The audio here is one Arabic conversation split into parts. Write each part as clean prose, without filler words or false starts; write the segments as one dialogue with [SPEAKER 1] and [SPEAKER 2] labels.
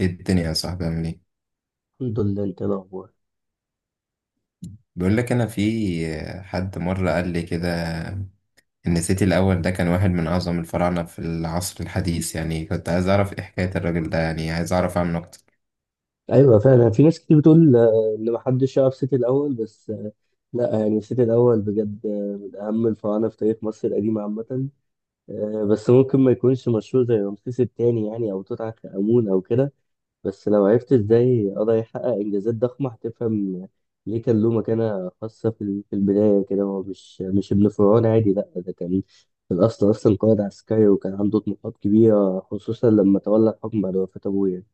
[SPEAKER 1] ايه الدنيا يا صاحبي عامل ايه؟
[SPEAKER 2] الحمد لله، انت ايه الاخبار؟
[SPEAKER 1] بيقول لك، انا في حد مره قال لي كده ان سيتي الاول ده كان واحد من اعظم الفراعنه في العصر الحديث. يعني كنت عايز اعرف ايه حكايه الراجل ده، يعني عايز اعرف عنه اكتر.
[SPEAKER 2] ايوه فعلا في ناس كتير بتقول ان محدش يعرف سيتي الاول، بس لا، يعني سيتي الاول بجد من اهم الفراعنه في تاريخ مصر القديمه عامه. بس ممكن ما يكونش مشهور زي رمسيس الثاني يعني، او توت عنخ امون او كده. بس لو عرفت ازاي قدر يحقق انجازات ضخمه هتفهم ليه كان له مكانه خاصه في البدايه كده. هو مش ابن فرعون عادي، لا ده كان في الاصل اصلا قائد عسكري، وكان عنده طموحات كبيره، خصوصا لما تولى الحكم بعد وفاه ابوه يعني.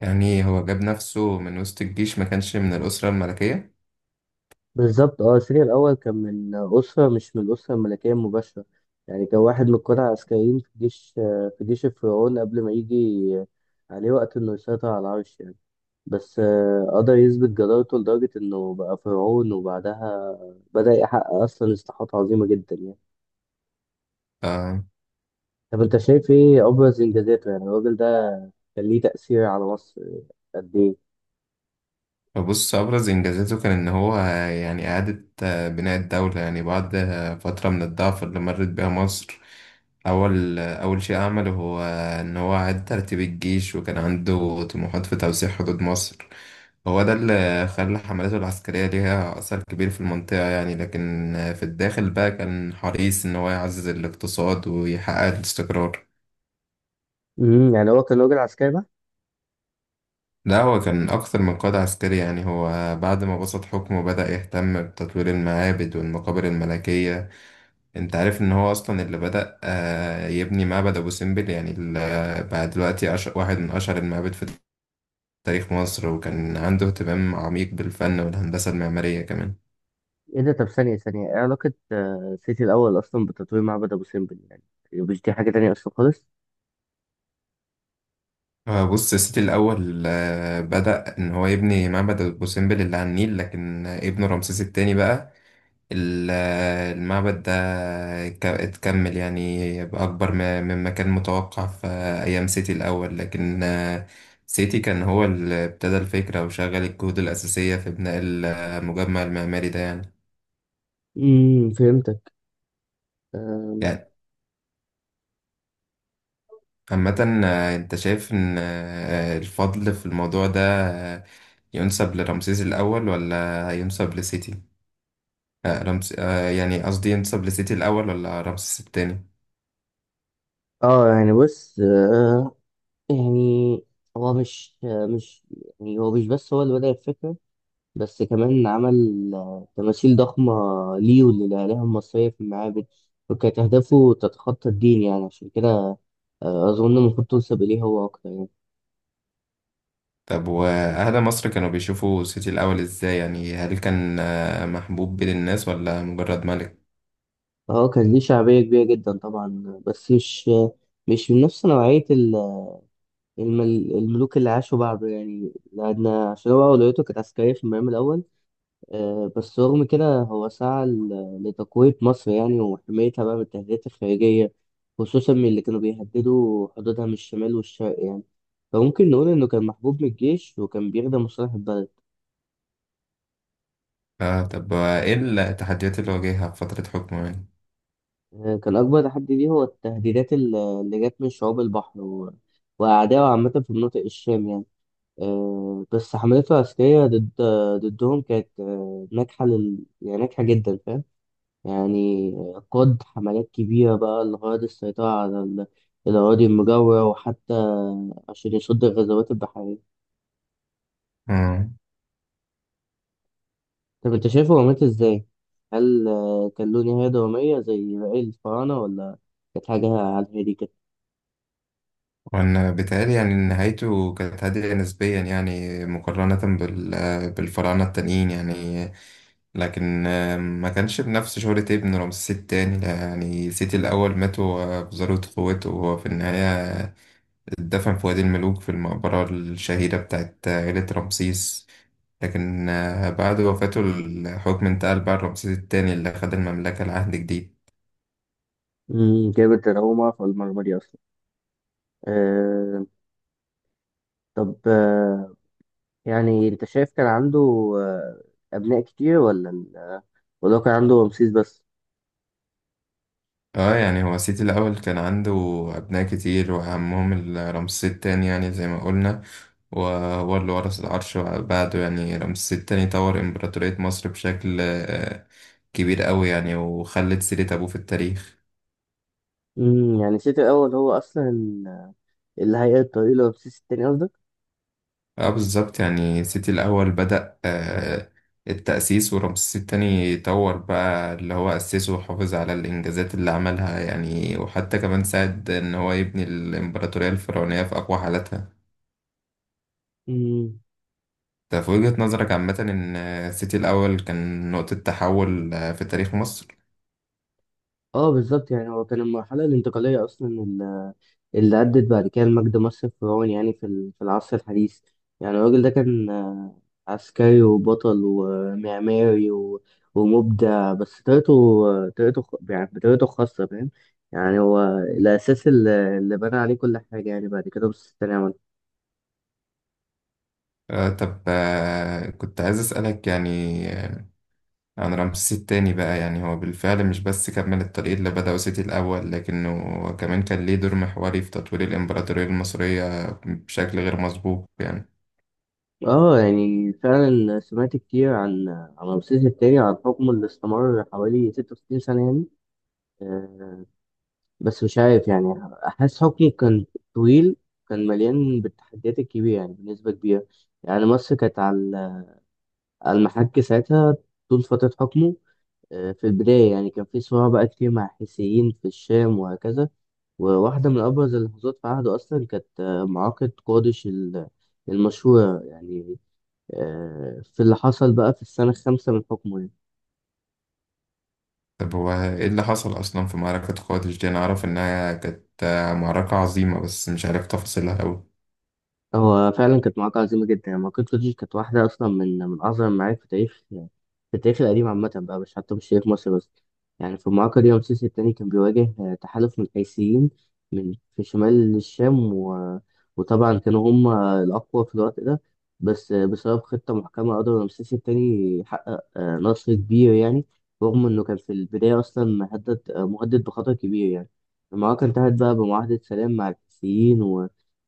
[SPEAKER 1] يعني هو جاب نفسه من وسط الجيش، ما كانش من الاسره الملكيه؟
[SPEAKER 2] بالظبط. اه سيريا الأول كان من أسرة، مش من الأسرة الملكية المباشرة، يعني كان واحد من القادة العسكريين في جيش الفرعون، قبل ما يجي عليه وقت إنه يسيطر على العرش يعني. بس قدر يثبت جدارته لدرجة إنه بقى فرعون، وبعدها بدأ يحقق أصلا إصلاحات عظيمة جدا يعني.
[SPEAKER 1] آه،
[SPEAKER 2] طب أنت شايف إيه أبرز إنجازاته؟ يعني الراجل ده كان ليه تأثير على مصر قد إيه؟
[SPEAKER 1] بص، أبرز إنجازاته كان إن هو يعني إعادة بناء الدولة، يعني بعد فترة من الضعف اللي مرت بيها مصر. أول شيء عمله هو إن هو أعاد ترتيب الجيش، وكان عنده طموحات في توسيع حدود مصر. هو ده اللي خلى حملاته العسكرية ليها أثر كبير في المنطقة، يعني لكن في الداخل بقى كان حريص إن هو يعزز الاقتصاد ويحقق الاستقرار.
[SPEAKER 2] يعني هو كان راجل عسكري؟
[SPEAKER 1] لا، هو كان أكثر من قائد عسكري. يعني هو بعد ما بسط حكمه بدأ يهتم بتطوير المعابد والمقابر الملكية. أنت عارف إن هو أصلا اللي بدأ يبني معبد أبو سمبل، يعني بقى دلوقتي واحد من أشهر المعابد في تاريخ مصر، وكان عنده اهتمام عميق بالفن والهندسة المعمارية كمان.
[SPEAKER 2] ايه ده؟ طب ثانية ثانية، ايه علاقة سيتي الأول أصلا بتطوير معبد أبو سمبل يعني؟ يعني مش دي حاجة تانية أصلا خالص؟
[SPEAKER 1] بص، سيتي الأول بدأ إن هو يبني معبد أبو سمبل اللي على النيل، لكن ابنه رمسيس التاني بقى ال- المعبد ده اتكمل، يعني بأكبر مما كان متوقع في أيام سيتي الأول. لكن سيتي كان هو اللي ابتدى الفكرة وشغل الجهود الأساسية في بناء المجمع المعماري ده يعني.
[SPEAKER 2] فهمتك. آم،
[SPEAKER 1] يعني عامة أنت شايف إن الفضل في الموضوع ده آه، ينسب لرمسيس الأول ولا ينسب لسيتي؟ آه، رمس... آه، يعني قصدي ينسب لسيتي الأول ولا رمسيس التاني؟
[SPEAKER 2] اه، يعني بص، يعني هو مش يعني هو مش بس هو اللي بدأ الفكرة، بس كمان عمل تماثيل ضخمة ليه وللآلهة المصرية في المعابد، وكانت أهدافه تتخطى الدين يعني. عشان كده أظن المفروض تنسب إليه هو أكتر يعني.
[SPEAKER 1] طب وأهدى مصر كانوا بيشوفوا سيتي الأول إزاي، يعني هل كان محبوب بين الناس ولا مجرد ملك؟
[SPEAKER 2] اه، كان ليه شعبية كبيرة جدا طبعا، بس مش من نفس نوعية الم- الملوك اللي عاشوا بعده يعني، لأن عشان هو أولويته كانت عسكرية في المقام الأول. بس رغم كده هو سعى لتقوية مصر يعني، وحمايتها بقى من التهديدات الخارجية، خصوصا من اللي كانوا بيهددوا حدودها من الشمال والشرق يعني، فممكن نقول إنه كان محبوب من الجيش وكان بيخدم مصالح البلد.
[SPEAKER 1] آه، طب وإيه التحديات اللي واجهها في فترة حكمه يعني؟
[SPEAKER 2] كان أكبر تحدي ليه هو التهديدات اللي جت من شعوب البحر وأعدائه عامة في مناطق الشام يعني. بس حملته العسكرية ضد ضدهم كانت يعني ناجحة جدا، فاهم؟ يعني قاد حملات كبيرة بقى لغرض السيطرة على الأراضي المجاورة، وحتى عشان يصد الغزوات البحرية.
[SPEAKER 1] مم.
[SPEAKER 2] طب أنت شايفه هو مات إزاي؟ هل كان له نهاية درامية زي باقي الفراعنة، ولا كانت حاجة على الهادي كده؟
[SPEAKER 1] وأنا بيتهيألي يعني إن نهايته كانت هادئة نسبيا، يعني مقارنة بالفراعنة التانيين يعني. لكن ما كانش بنفس شهرة ابن رمسيس التاني. يعني سيتي الأول مات وأبصرت قوته، وهو في النهاية اتدفن في وادي الملوك في المقبرة الشهيرة بتاعت عيلة رمسيس. لكن بعد وفاته الحكم انتقل بقى لرمسيس التاني اللي خد المملكة لعهد جديد.
[SPEAKER 2] جامد، أنا أول مرة أعرف المعلومة دي أصلا. أه. طب يعني أنت شايف كان عنده آه، أبناء كتير، ولا وده كان عنده رمسيس بس؟
[SPEAKER 1] اه، يعني هو سيتي الأول كان عنده أبناء كتير، وأهمهم رمسيس التاني يعني زي ما قلنا، وهو اللي ورث العرش بعده. يعني رمسيس التاني طور إمبراطورية مصر بشكل كبير قوي يعني، وخلت سيرة أبوه في التاريخ.
[SPEAKER 2] يعني سيتي الأول هو أصلا اللي هيقل الطريق لرمسيس التاني، قصدك؟
[SPEAKER 1] اه، بالظبط، يعني سيتي الأول بدأ التأسيس، ورمسيس التاني طور بقى اللي هو أسسه، وحافظ على الإنجازات اللي عملها يعني، وحتى كمان ساعد إن هو يبني الإمبراطورية الفرعونية في أقوى حالاتها.
[SPEAKER 2] امم.
[SPEAKER 1] ده في وجهة نظرك عامة إن سيتي الأول كان نقطة تحول في تاريخ مصر.
[SPEAKER 2] اه بالظبط، يعني هو كان المرحلة الانتقالية أصلا، اللي أدت بعد كده لمجد مصر الفرعوني يعني في في العصر الحديث. يعني الراجل ده كان عسكري وبطل ومعماري ومبدع، بس يعني بطريقته الخاصة، فاهم؟ يعني هو الأساس اللي بنى عليه كل حاجة يعني بعد كده مصر التانية.
[SPEAKER 1] آه، طب، كنت عايز أسألك يعني آه، عن رمسيس التاني بقى. يعني هو بالفعل مش بس كمل الطريق اللي بدأه سيتي الأول، لكنه كمان كان ليه دور محوري في تطوير الإمبراطورية المصرية بشكل غير مسبوق يعني.
[SPEAKER 2] اه، يعني فعلا سمعت كتير عن رمسيس التاني، عن حكمه اللي استمر حوالي 66 سنة يعني. آه، بس مش عارف يعني، أحس حكمه كان طويل، كان مليان بالتحديات الكبيرة يعني بنسبة كبيرة. يعني مصر كانت على المحك ساعتها طول فترة حكمه. في البداية يعني كان في صراع بقى كتير مع الحيثيين في الشام وهكذا، وواحدة من أبرز اللحظات في عهده أصلا كانت معركة قادش المشهورة يعني، في اللي حصل بقى في السنة الخامسة من حكمه يعني.
[SPEAKER 1] طب هو إيه اللي حصل أصلا في معركة قادش دي؟ أنا أعرف إنها كانت معركة عظيمة، بس مش عارف تفاصيلها أوي.
[SPEAKER 2] هو فعلا كانت معركة عظيمة جدا يعني، معركة كوتشي كانت واحدة أصلا من أعظم المعارك في تاريخ في التاريخ القديم عامة بقى، مش حتى مش تاريخ مصر بس. يعني في المعركة دي رمسيس التاني كان بيواجه تحالف من القيسيين من في شمال الشام و... وطبعا كانوا هم الأقوى في الوقت ده. بس بسبب خطة محكمة قدر رمسيس التاني يحقق نصر كبير يعني، رغم إنه كان في البداية أصلا مهدد بخطر كبير يعني. المعركة انتهت بقى بمعاهدة سلام مع القيسيين،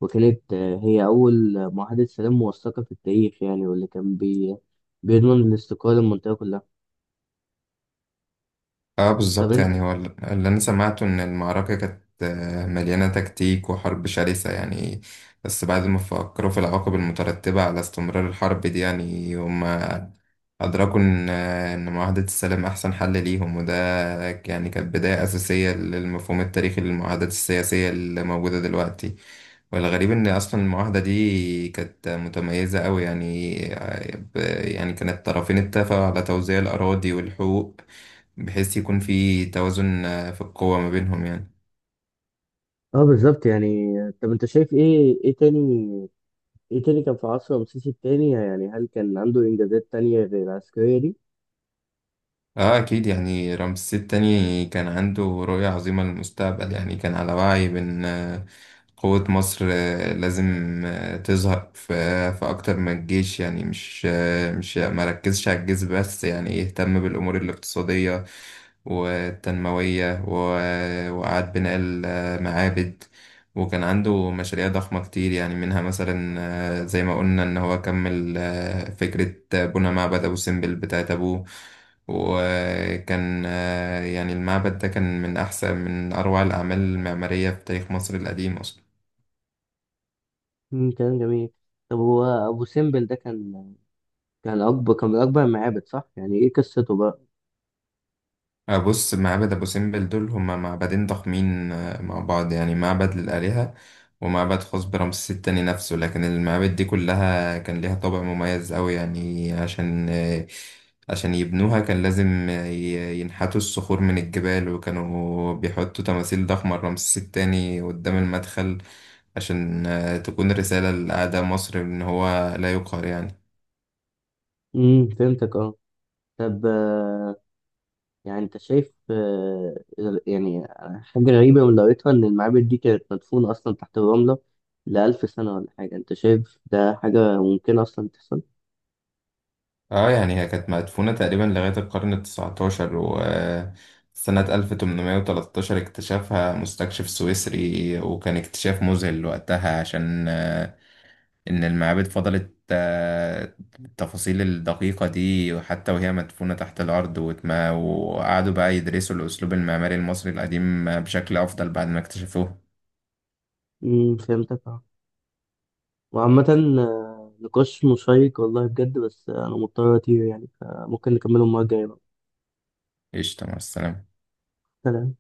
[SPEAKER 2] وكانت هي أول معاهدة سلام موثقة في التاريخ يعني، واللي كان بيضمن الاستقرار للمنطقة كلها.
[SPEAKER 1] آه،
[SPEAKER 2] طب
[SPEAKER 1] بالظبط،
[SPEAKER 2] أنت
[SPEAKER 1] يعني هو اللي أنا سمعته إن المعركة كانت مليانة تكتيك وحرب شرسة يعني. بس بعد ما فكروا في العواقب المترتبة على استمرار الحرب دي، يعني هم أدركوا إن معاهدة السلام أحسن حل ليهم، وده يعني كانت بداية أساسية للمفهوم التاريخي للمعاهدات السياسية اللي موجودة دلوقتي. والغريب إن أصلا المعاهدة دي كانت متميزة أوي، يعني ب- يعني كانت الطرفين اتفقوا على توزيع الأراضي والحقوق، بحيث يكون في توازن في القوة ما بينهم يعني.
[SPEAKER 2] اه بالظبط، يعني طب أنت شايف إيه تاني كان في عصر رمسيس التاني يعني؟ هل كان عنده إنجازات تانية غير العسكرية دي؟
[SPEAKER 1] اه اكيد، يعني رمسيس التاني كان عنده رؤية عظيمة للمستقبل، يعني كان على وعي بان قوة مصر لازم تظهر في اكتر من الجيش. يعني مش ما ركزش على الجيش بس، يعني يهتم بالامور الاقتصادية والتنموية وإعادة بناء المعابد. وكان عنده مشاريع ضخمة كتير يعني، منها مثلا زي ما قلنا إن هو كمل فكرة بناء معبد أبو سمبل بتاعت أبوه. وكان يعني المعبد ده كان من أحسن، من أروع الأعمال المعمارية في تاريخ مصر القديم أصلا.
[SPEAKER 2] كلام جميل. طب هو أبو سمبل ده كان من أكبر المعابد، صح؟ يعني إيه قصته بقى؟
[SPEAKER 1] بص، معبد أبو سمبل دول هما معبدين ضخمين مع بعض، يعني معبد للآلهة ومعبد خاص برمسيس التاني نفسه. لكن المعابد دي كلها كان ليها طابع مميز أوي، يعني عشان يبنوها كان لازم ينحتوا الصخور من الجبال، وكانوا بيحطوا تماثيل ضخمة لرمسيس التاني قدام المدخل عشان تكون الرسالة لأعداء مصر إن هو لا يقهر يعني.
[SPEAKER 2] فهمتك. اه. طب يعني انت شايف يعني حاجة غريبة من قريتها ان المعابد دي كانت مدفونة اصلا تحت الرملة لألف سنة ولا حاجة، انت شايف ده حاجة ممكنة اصلا تحصل؟
[SPEAKER 1] اه، يعني هي كانت مدفونة تقريبا لغاية القرن التسعتاشر، وسنة 1813 اكتشفها مستكشف سويسري، وكان اكتشاف مذهل وقتها عشان إن المعابد فضلت التفاصيل الدقيقة دي حتى وهي مدفونة تحت الأرض. واتما وقعدوا بقى يدرسوا الأسلوب المعماري المصري القديم بشكل أفضل بعد ما اكتشفوه.
[SPEAKER 2] فهمتك. اه، وعامة نقاش مشيق والله بجد، بس انا مضطر اطير يعني، فممكن نكمله المرة الجاية بقى.
[SPEAKER 1] قشطة، مع السلامة.
[SPEAKER 2] سلام.